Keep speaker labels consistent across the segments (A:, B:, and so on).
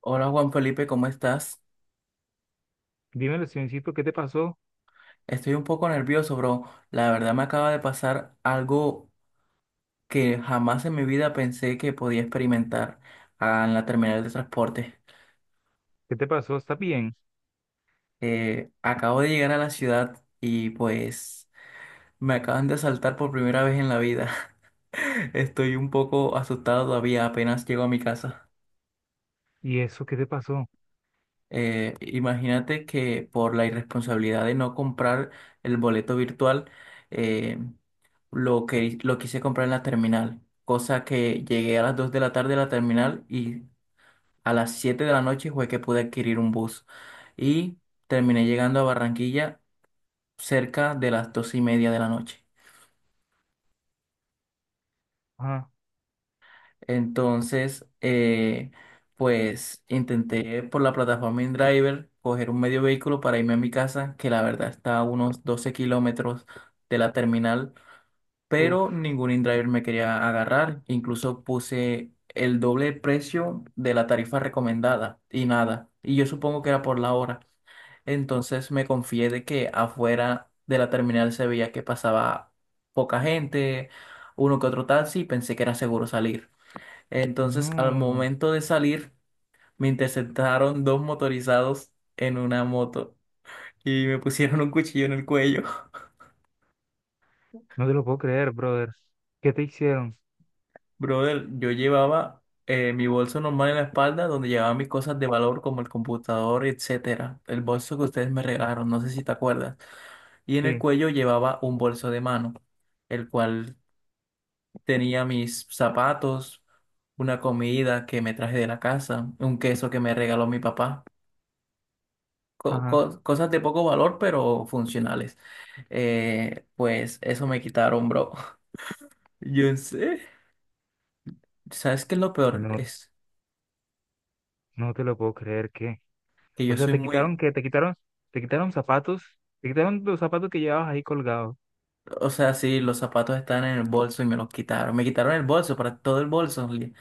A: Hola Juan Felipe, ¿cómo estás?
B: Dímelo, Sioncito, ¿qué te pasó?
A: Estoy un poco nervioso, bro. La verdad me acaba de pasar algo que jamás en mi vida pensé que podía experimentar en la terminal de transporte.
B: ¿Qué te pasó? ¿Estás bien?
A: Acabo de llegar a la ciudad y pues me acaban de asaltar por primera vez en la vida. Estoy un poco asustado todavía, apenas llego a mi casa.
B: ¿Y eso qué te pasó?
A: Imagínate que por la irresponsabilidad de no comprar el boleto virtual, eh, lo que lo quise comprar en la terminal, cosa que llegué a las 2 de la tarde a la terminal y a las 7 de la noche fue que pude adquirir un bus y terminé llegando a Barranquilla cerca de las 2:30 de la noche.
B: Ah,
A: Entonces, pues intenté por la plataforma InDriver coger un medio vehículo para irme a mi casa, que la verdad está a unos 12 kilómetros de la terminal, pero
B: uf,
A: ningún InDriver me quería agarrar. Incluso puse el doble precio de la tarifa recomendada y nada. Y yo supongo que era por la hora. Entonces me confié de que afuera de la terminal se veía que pasaba poca gente, uno que otro taxi, y pensé que era seguro salir. Entonces, al
B: no,
A: momento de salir, me interceptaron dos motorizados en una moto y me pusieron un cuchillo en el cuello.
B: no te lo puedo creer, brother. ¿Qué te hicieron?
A: Brother, yo llevaba mi bolso normal en la espalda, donde llevaba mis cosas de valor como el computador, etcétera. El bolso que ustedes me regalaron, no sé si te acuerdas. Y en el
B: Sí,
A: cuello llevaba un bolso de mano, el cual tenía mis zapatos, una comida que me traje de la casa, un queso que me regaló mi papá.
B: ajá,
A: Cosas de poco valor, pero funcionales. Pues eso me quitaron, bro. Yo sé. ¿Sabes qué es lo peor?
B: no,
A: Es
B: no te lo puedo creer, ¿qué?
A: que
B: O
A: yo
B: sea,
A: soy
B: te quitaron,
A: muy...
B: ¿qué? Te quitaron zapatos, te quitaron los zapatos que llevabas ahí colgados.
A: O sea, sí, los zapatos están en el bolso y me los quitaron. Me quitaron el bolso, para todo el bolso.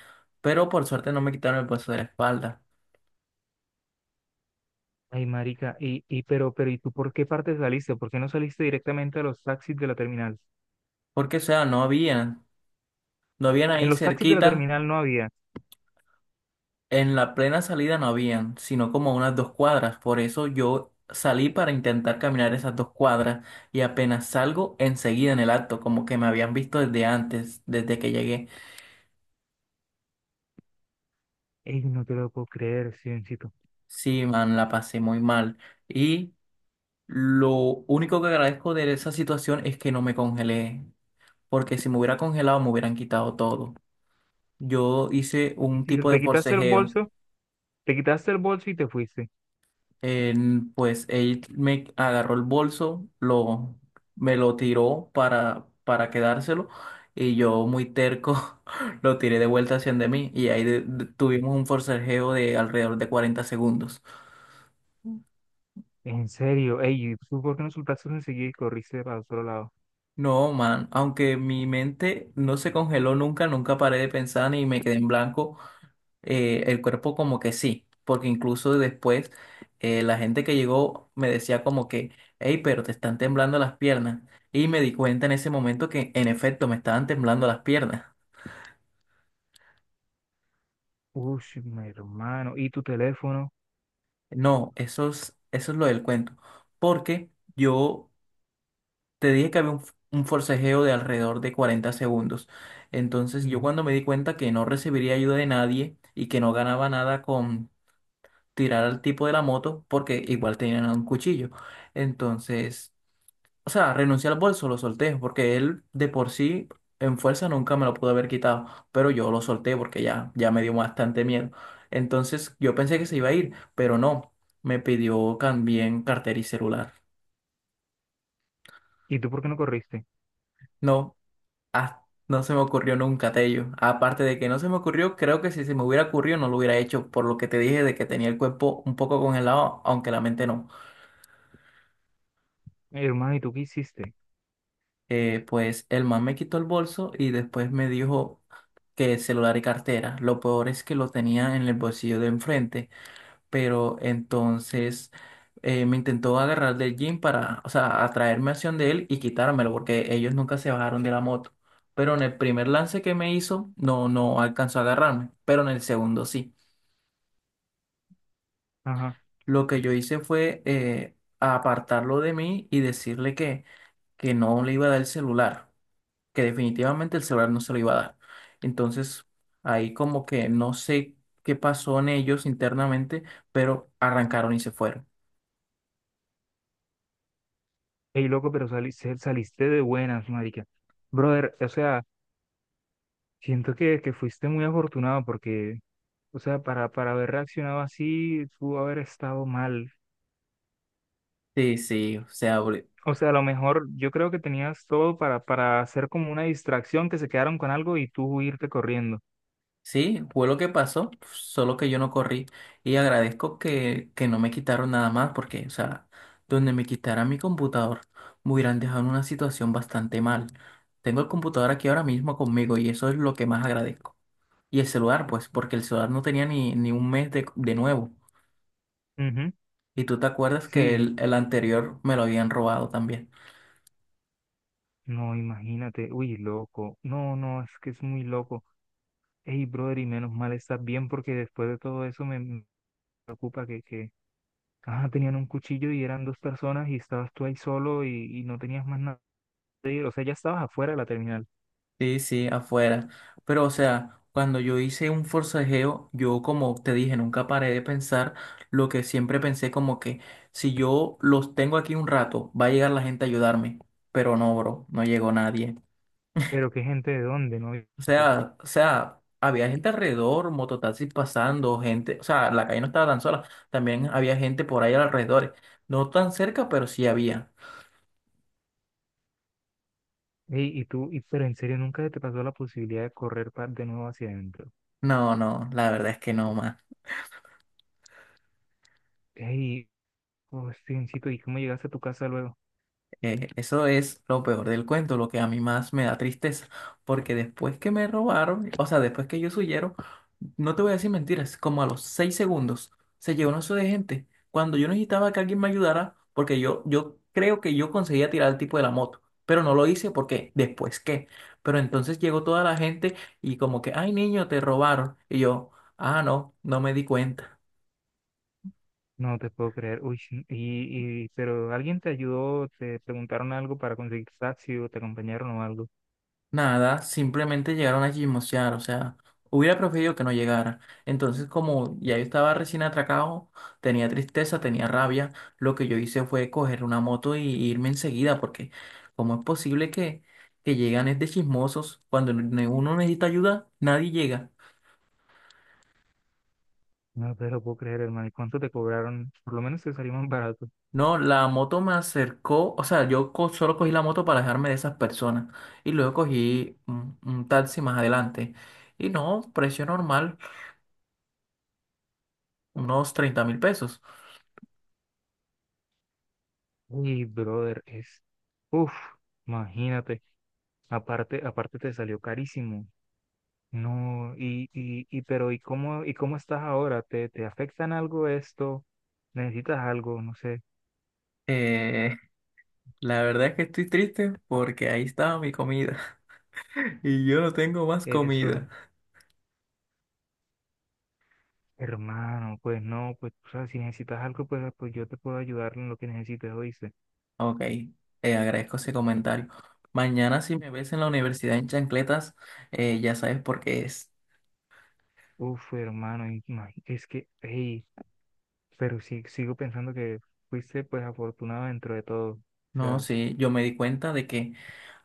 A: Pero por suerte no me quitaron el bolso de la espalda.
B: Ay, marica, pero, ¿y tú por qué parte saliste? ¿Por qué no saliste directamente a los taxis de la terminal?
A: Porque, o sea, no habían. No habían
B: En
A: ahí
B: los taxis de la
A: cerquita.
B: terminal no había.
A: En la plena salida no habían, sino como a unas dos cuadras. Por eso yo salí para intentar caminar esas dos cuadras y apenas salgo enseguida en el acto, como que me habían visto desde antes, desde que llegué.
B: Ey, no te lo puedo creer, Sioncito.
A: Sí, man, la pasé muy mal. Y lo único que agradezco de esa situación es que no me congelé, porque si me hubiera congelado me hubieran quitado todo. Yo hice
B: Y
A: un
B: si te
A: tipo de
B: te quitaste el
A: forcejeo.
B: bolso. Te quitaste el bolso y te fuiste.
A: Pues él me agarró el bolso, lo, me lo tiró para quedárselo y yo muy terco lo tiré de vuelta hacia de mí y ahí tuvimos un forcejeo de alrededor de 40 segundos.
B: En serio, ey, ¿y tú por qué no soltaste enseguida y corriste para otro lado?
A: No, man, aunque mi mente no se congeló nunca, nunca paré de pensar ni me quedé en blanco. El cuerpo como que sí, porque incluso después la gente que llegó me decía como que, hey, pero te están temblando las piernas. Y me di cuenta en ese momento que en efecto me estaban temblando las piernas.
B: ¡Ush, mi hermano! ¿Y tu teléfono?
A: No, eso es lo del cuento, porque yo te dije que había un forcejeo de alrededor de 40 segundos. Entonces yo
B: Ujú.
A: cuando me di cuenta que no recibiría ayuda de nadie y que no ganaba nada con tirar al tipo de la moto, porque igual tenían un cuchillo. Entonces... O sea, renuncié al bolso, lo solté, porque él de por sí en fuerza nunca me lo pudo haber quitado, pero yo lo solté porque ya, ya me dio bastante miedo. Entonces yo pensé que se iba a ir, pero no, me pidió también cartera y celular.
B: ¿Y tú por qué no corriste?
A: No, no se me ocurrió nunca, Tello. Aparte de que no se me ocurrió, creo que si se me hubiera ocurrido no lo hubiera hecho, por lo que te dije de que tenía el cuerpo un poco congelado, aunque la mente no.
B: Hermano, ¿y tú qué hiciste?
A: Pues el man me quitó el bolso y después me dijo que celular y cartera. Lo peor es que lo tenía en el bolsillo de enfrente, pero entonces me intentó agarrar del jean para, o sea, atraerme hacia donde él y quitármelo porque ellos nunca se bajaron de la moto. Pero en el primer lance que me hizo, no, no alcanzó a agarrarme, pero en el segundo sí.
B: Ajá.
A: Lo que yo hice fue apartarlo de mí y decirle que no le iba a dar el celular. Que definitivamente el celular no se lo iba a dar. Entonces, ahí como que no sé qué pasó en ellos internamente, pero arrancaron y se fueron.
B: Ey, loco, pero saliste de buenas, marica. Brother, o sea, siento que fuiste muy afortunado porque, o sea, para haber reaccionado así, pudo haber estado mal.
A: Sí, sí, o sea,
B: O sea, a lo mejor yo creo que tenías todo para hacer como una distracción, que se quedaron con algo y tú irte corriendo.
A: sí, fue lo que pasó, solo que yo no corrí y agradezco que no me quitaron nada más porque, o sea, donde me quitaran mi computador, me hubieran dejado en una situación bastante mal. Tengo el computador aquí ahora mismo conmigo y eso es lo que más agradezco. Y el celular, pues, porque el celular no tenía ni un mes de nuevo.
B: Ujú.
A: Y tú te acuerdas que
B: Sí,
A: el anterior me lo habían robado también.
B: no, imagínate, uy, loco, no, no, es que es muy loco. Ey, brother, y menos mal estás bien porque después de todo eso me preocupa que tenían un cuchillo y eran dos personas y estabas tú ahí solo y no tenías más nada. O sea, ya estabas afuera de la terminal,
A: Sí, sí, afuera. Pero o sea, cuando yo hice un forcejeo, yo como te dije, nunca paré de pensar lo que siempre pensé como que si yo los tengo aquí un rato, va a llegar la gente a ayudarme. Pero no, bro, no llegó nadie.
B: pero qué gente de dónde, ¿no?
A: O sea, había gente alrededor, mototaxis pasando, gente, o sea, la calle no estaba tan sola, también había gente por ahí alrededor. No tan cerca, pero sí había.
B: Ey, y tú, y, pero en serio, nunca te pasó la posibilidad de correr de nuevo hacia adentro.
A: No, no, la verdad es que no, más.
B: Ey, oh, Stevencito, ¿y cómo llegaste a tu casa luego?
A: Eso es lo peor del cuento, lo que a mí más me da tristeza, porque después que me robaron, o sea, después que ellos huyeron, no te voy a decir mentiras, como a los 6 segundos se llegó un oso de gente, cuando yo necesitaba que alguien me ayudara, porque yo creo que yo conseguía tirar al tipo de la moto, pero no lo hice porque después qué, pero entonces llegó toda la gente y como que, ay niño, te robaron, y yo, ah, no, no me di cuenta.
B: No te puedo creer. Uy, sí, y, pero alguien te ayudó, te preguntaron algo para conseguir taxi o te acompañaron o algo.
A: Nada, simplemente llegaron a chismosear, o sea, hubiera preferido que no llegara. Entonces, como ya yo estaba recién atracado, tenía tristeza, tenía rabia, lo que yo hice fue coger una moto y irme enseguida, porque ¿cómo es posible que llegan es de chismosos? Cuando uno necesita ayuda, nadie llega.
B: No te lo puedo creer, hermano. ¿Y cuánto te cobraron? Por lo menos te salió más barato.
A: No, la moto me acercó, o sea, yo solo cogí la moto para dejarme de esas personas y luego cogí un taxi más adelante. Y no, precio normal, unos 30.000 pesos.
B: Uy, brother, es. Uf, imagínate. Aparte, aparte te salió carísimo. No, y, pero, y cómo estás ahora? ¿Te, te afectan algo esto? ¿Necesitas algo? No sé.
A: Eh, la verdad es que estoy triste porque ahí estaba mi comida y yo no tengo más
B: Eso.
A: comida.
B: Hermano, pues no, pues, o sea, si necesitas algo, pues, pues yo te puedo ayudar en lo que necesites, hoy.
A: Ok, agradezco ese comentario. Mañana si me ves en la universidad en chancletas, ya sabes por qué es.
B: Uf, hermano, y es que, hey, pero sí, sigo pensando que fuiste pues afortunado dentro de todo. O
A: No,
B: sea,
A: sí, yo me di cuenta de que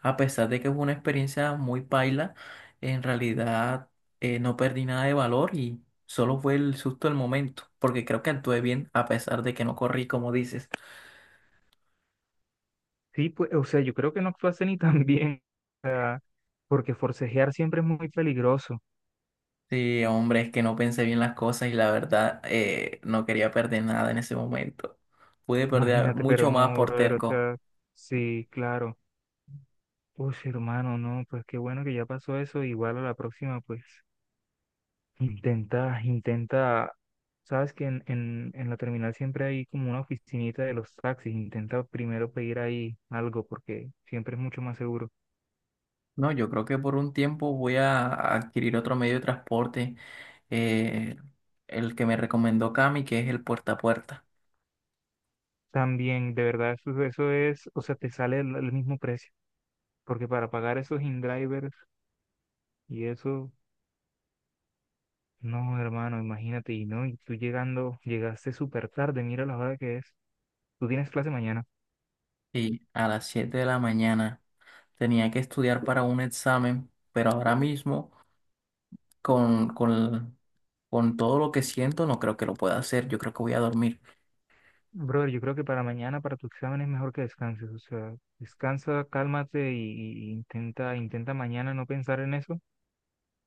A: a pesar de que fue una experiencia muy paila, en realidad no perdí nada de valor y solo fue el susto del momento, porque creo que actué bien a pesar de que no corrí como dices.
B: sí, pues, o sea, yo creo que no actuaste ni tan bien, porque forcejear siempre es muy peligroso.
A: Sí, hombre, es que no pensé bien las cosas y la verdad no quería perder nada en ese momento. Pude perder
B: Imagínate, pero
A: mucho más
B: no,
A: por
B: brother, o
A: terco.
B: sea, sí, claro. Uf, hermano, no, pues qué bueno que ya pasó eso. Igual a la próxima, pues, intenta, intenta, sabes que en la terminal siempre hay como una oficinita de los taxis. Intenta primero pedir ahí algo, porque siempre es mucho más seguro.
A: No, yo creo que por un tiempo voy a adquirir otro medio de transporte, eh, el que me recomendó Cami, que es el puerta a puerta.
B: También, de verdad, eso es, o sea, te sale el mismo precio, porque para pagar esos in-drivers y eso, no, hermano, imagínate, y no, y tú llegando, llegaste súper tarde, mira la hora que es, tú tienes clase mañana.
A: Y a las 7 de la mañana tenía que estudiar para un examen, pero ahora mismo con, con, con todo lo que siento no creo que lo pueda hacer. Yo creo que voy a dormir.
B: Brother, yo creo que para mañana, para tu examen es mejor que descanses, o sea, descansa, cálmate y intenta, intenta mañana no pensar en eso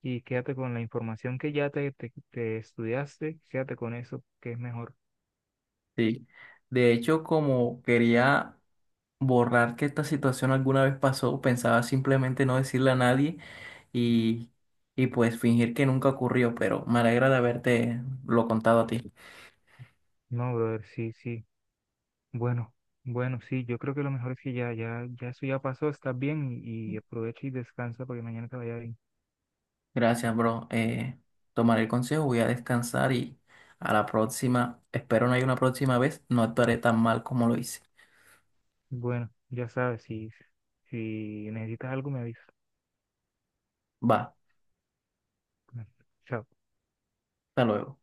B: y quédate con la información que ya te estudiaste, quédate con eso, que es mejor.
A: Sí. De hecho, como quería borrar que esta situación alguna vez pasó, pensaba simplemente no decirle a nadie y, y pues fingir que nunca ocurrió, pero me alegra de haberte lo contado a ti.
B: No, brother, sí, sí. Bueno, bueno, sí, yo creo que lo mejor es que ya eso ya pasó, estás bien y aprovecha y descansa porque mañana te vaya bien.
A: Gracias, bro. Tomaré el consejo, voy a descansar y a la próxima, espero no haya una próxima vez, no actuaré tan mal como lo hice.
B: Bueno, ya sabes, si, si necesitas algo me avisas.
A: Va,
B: Bueno, chao.
A: hasta luego.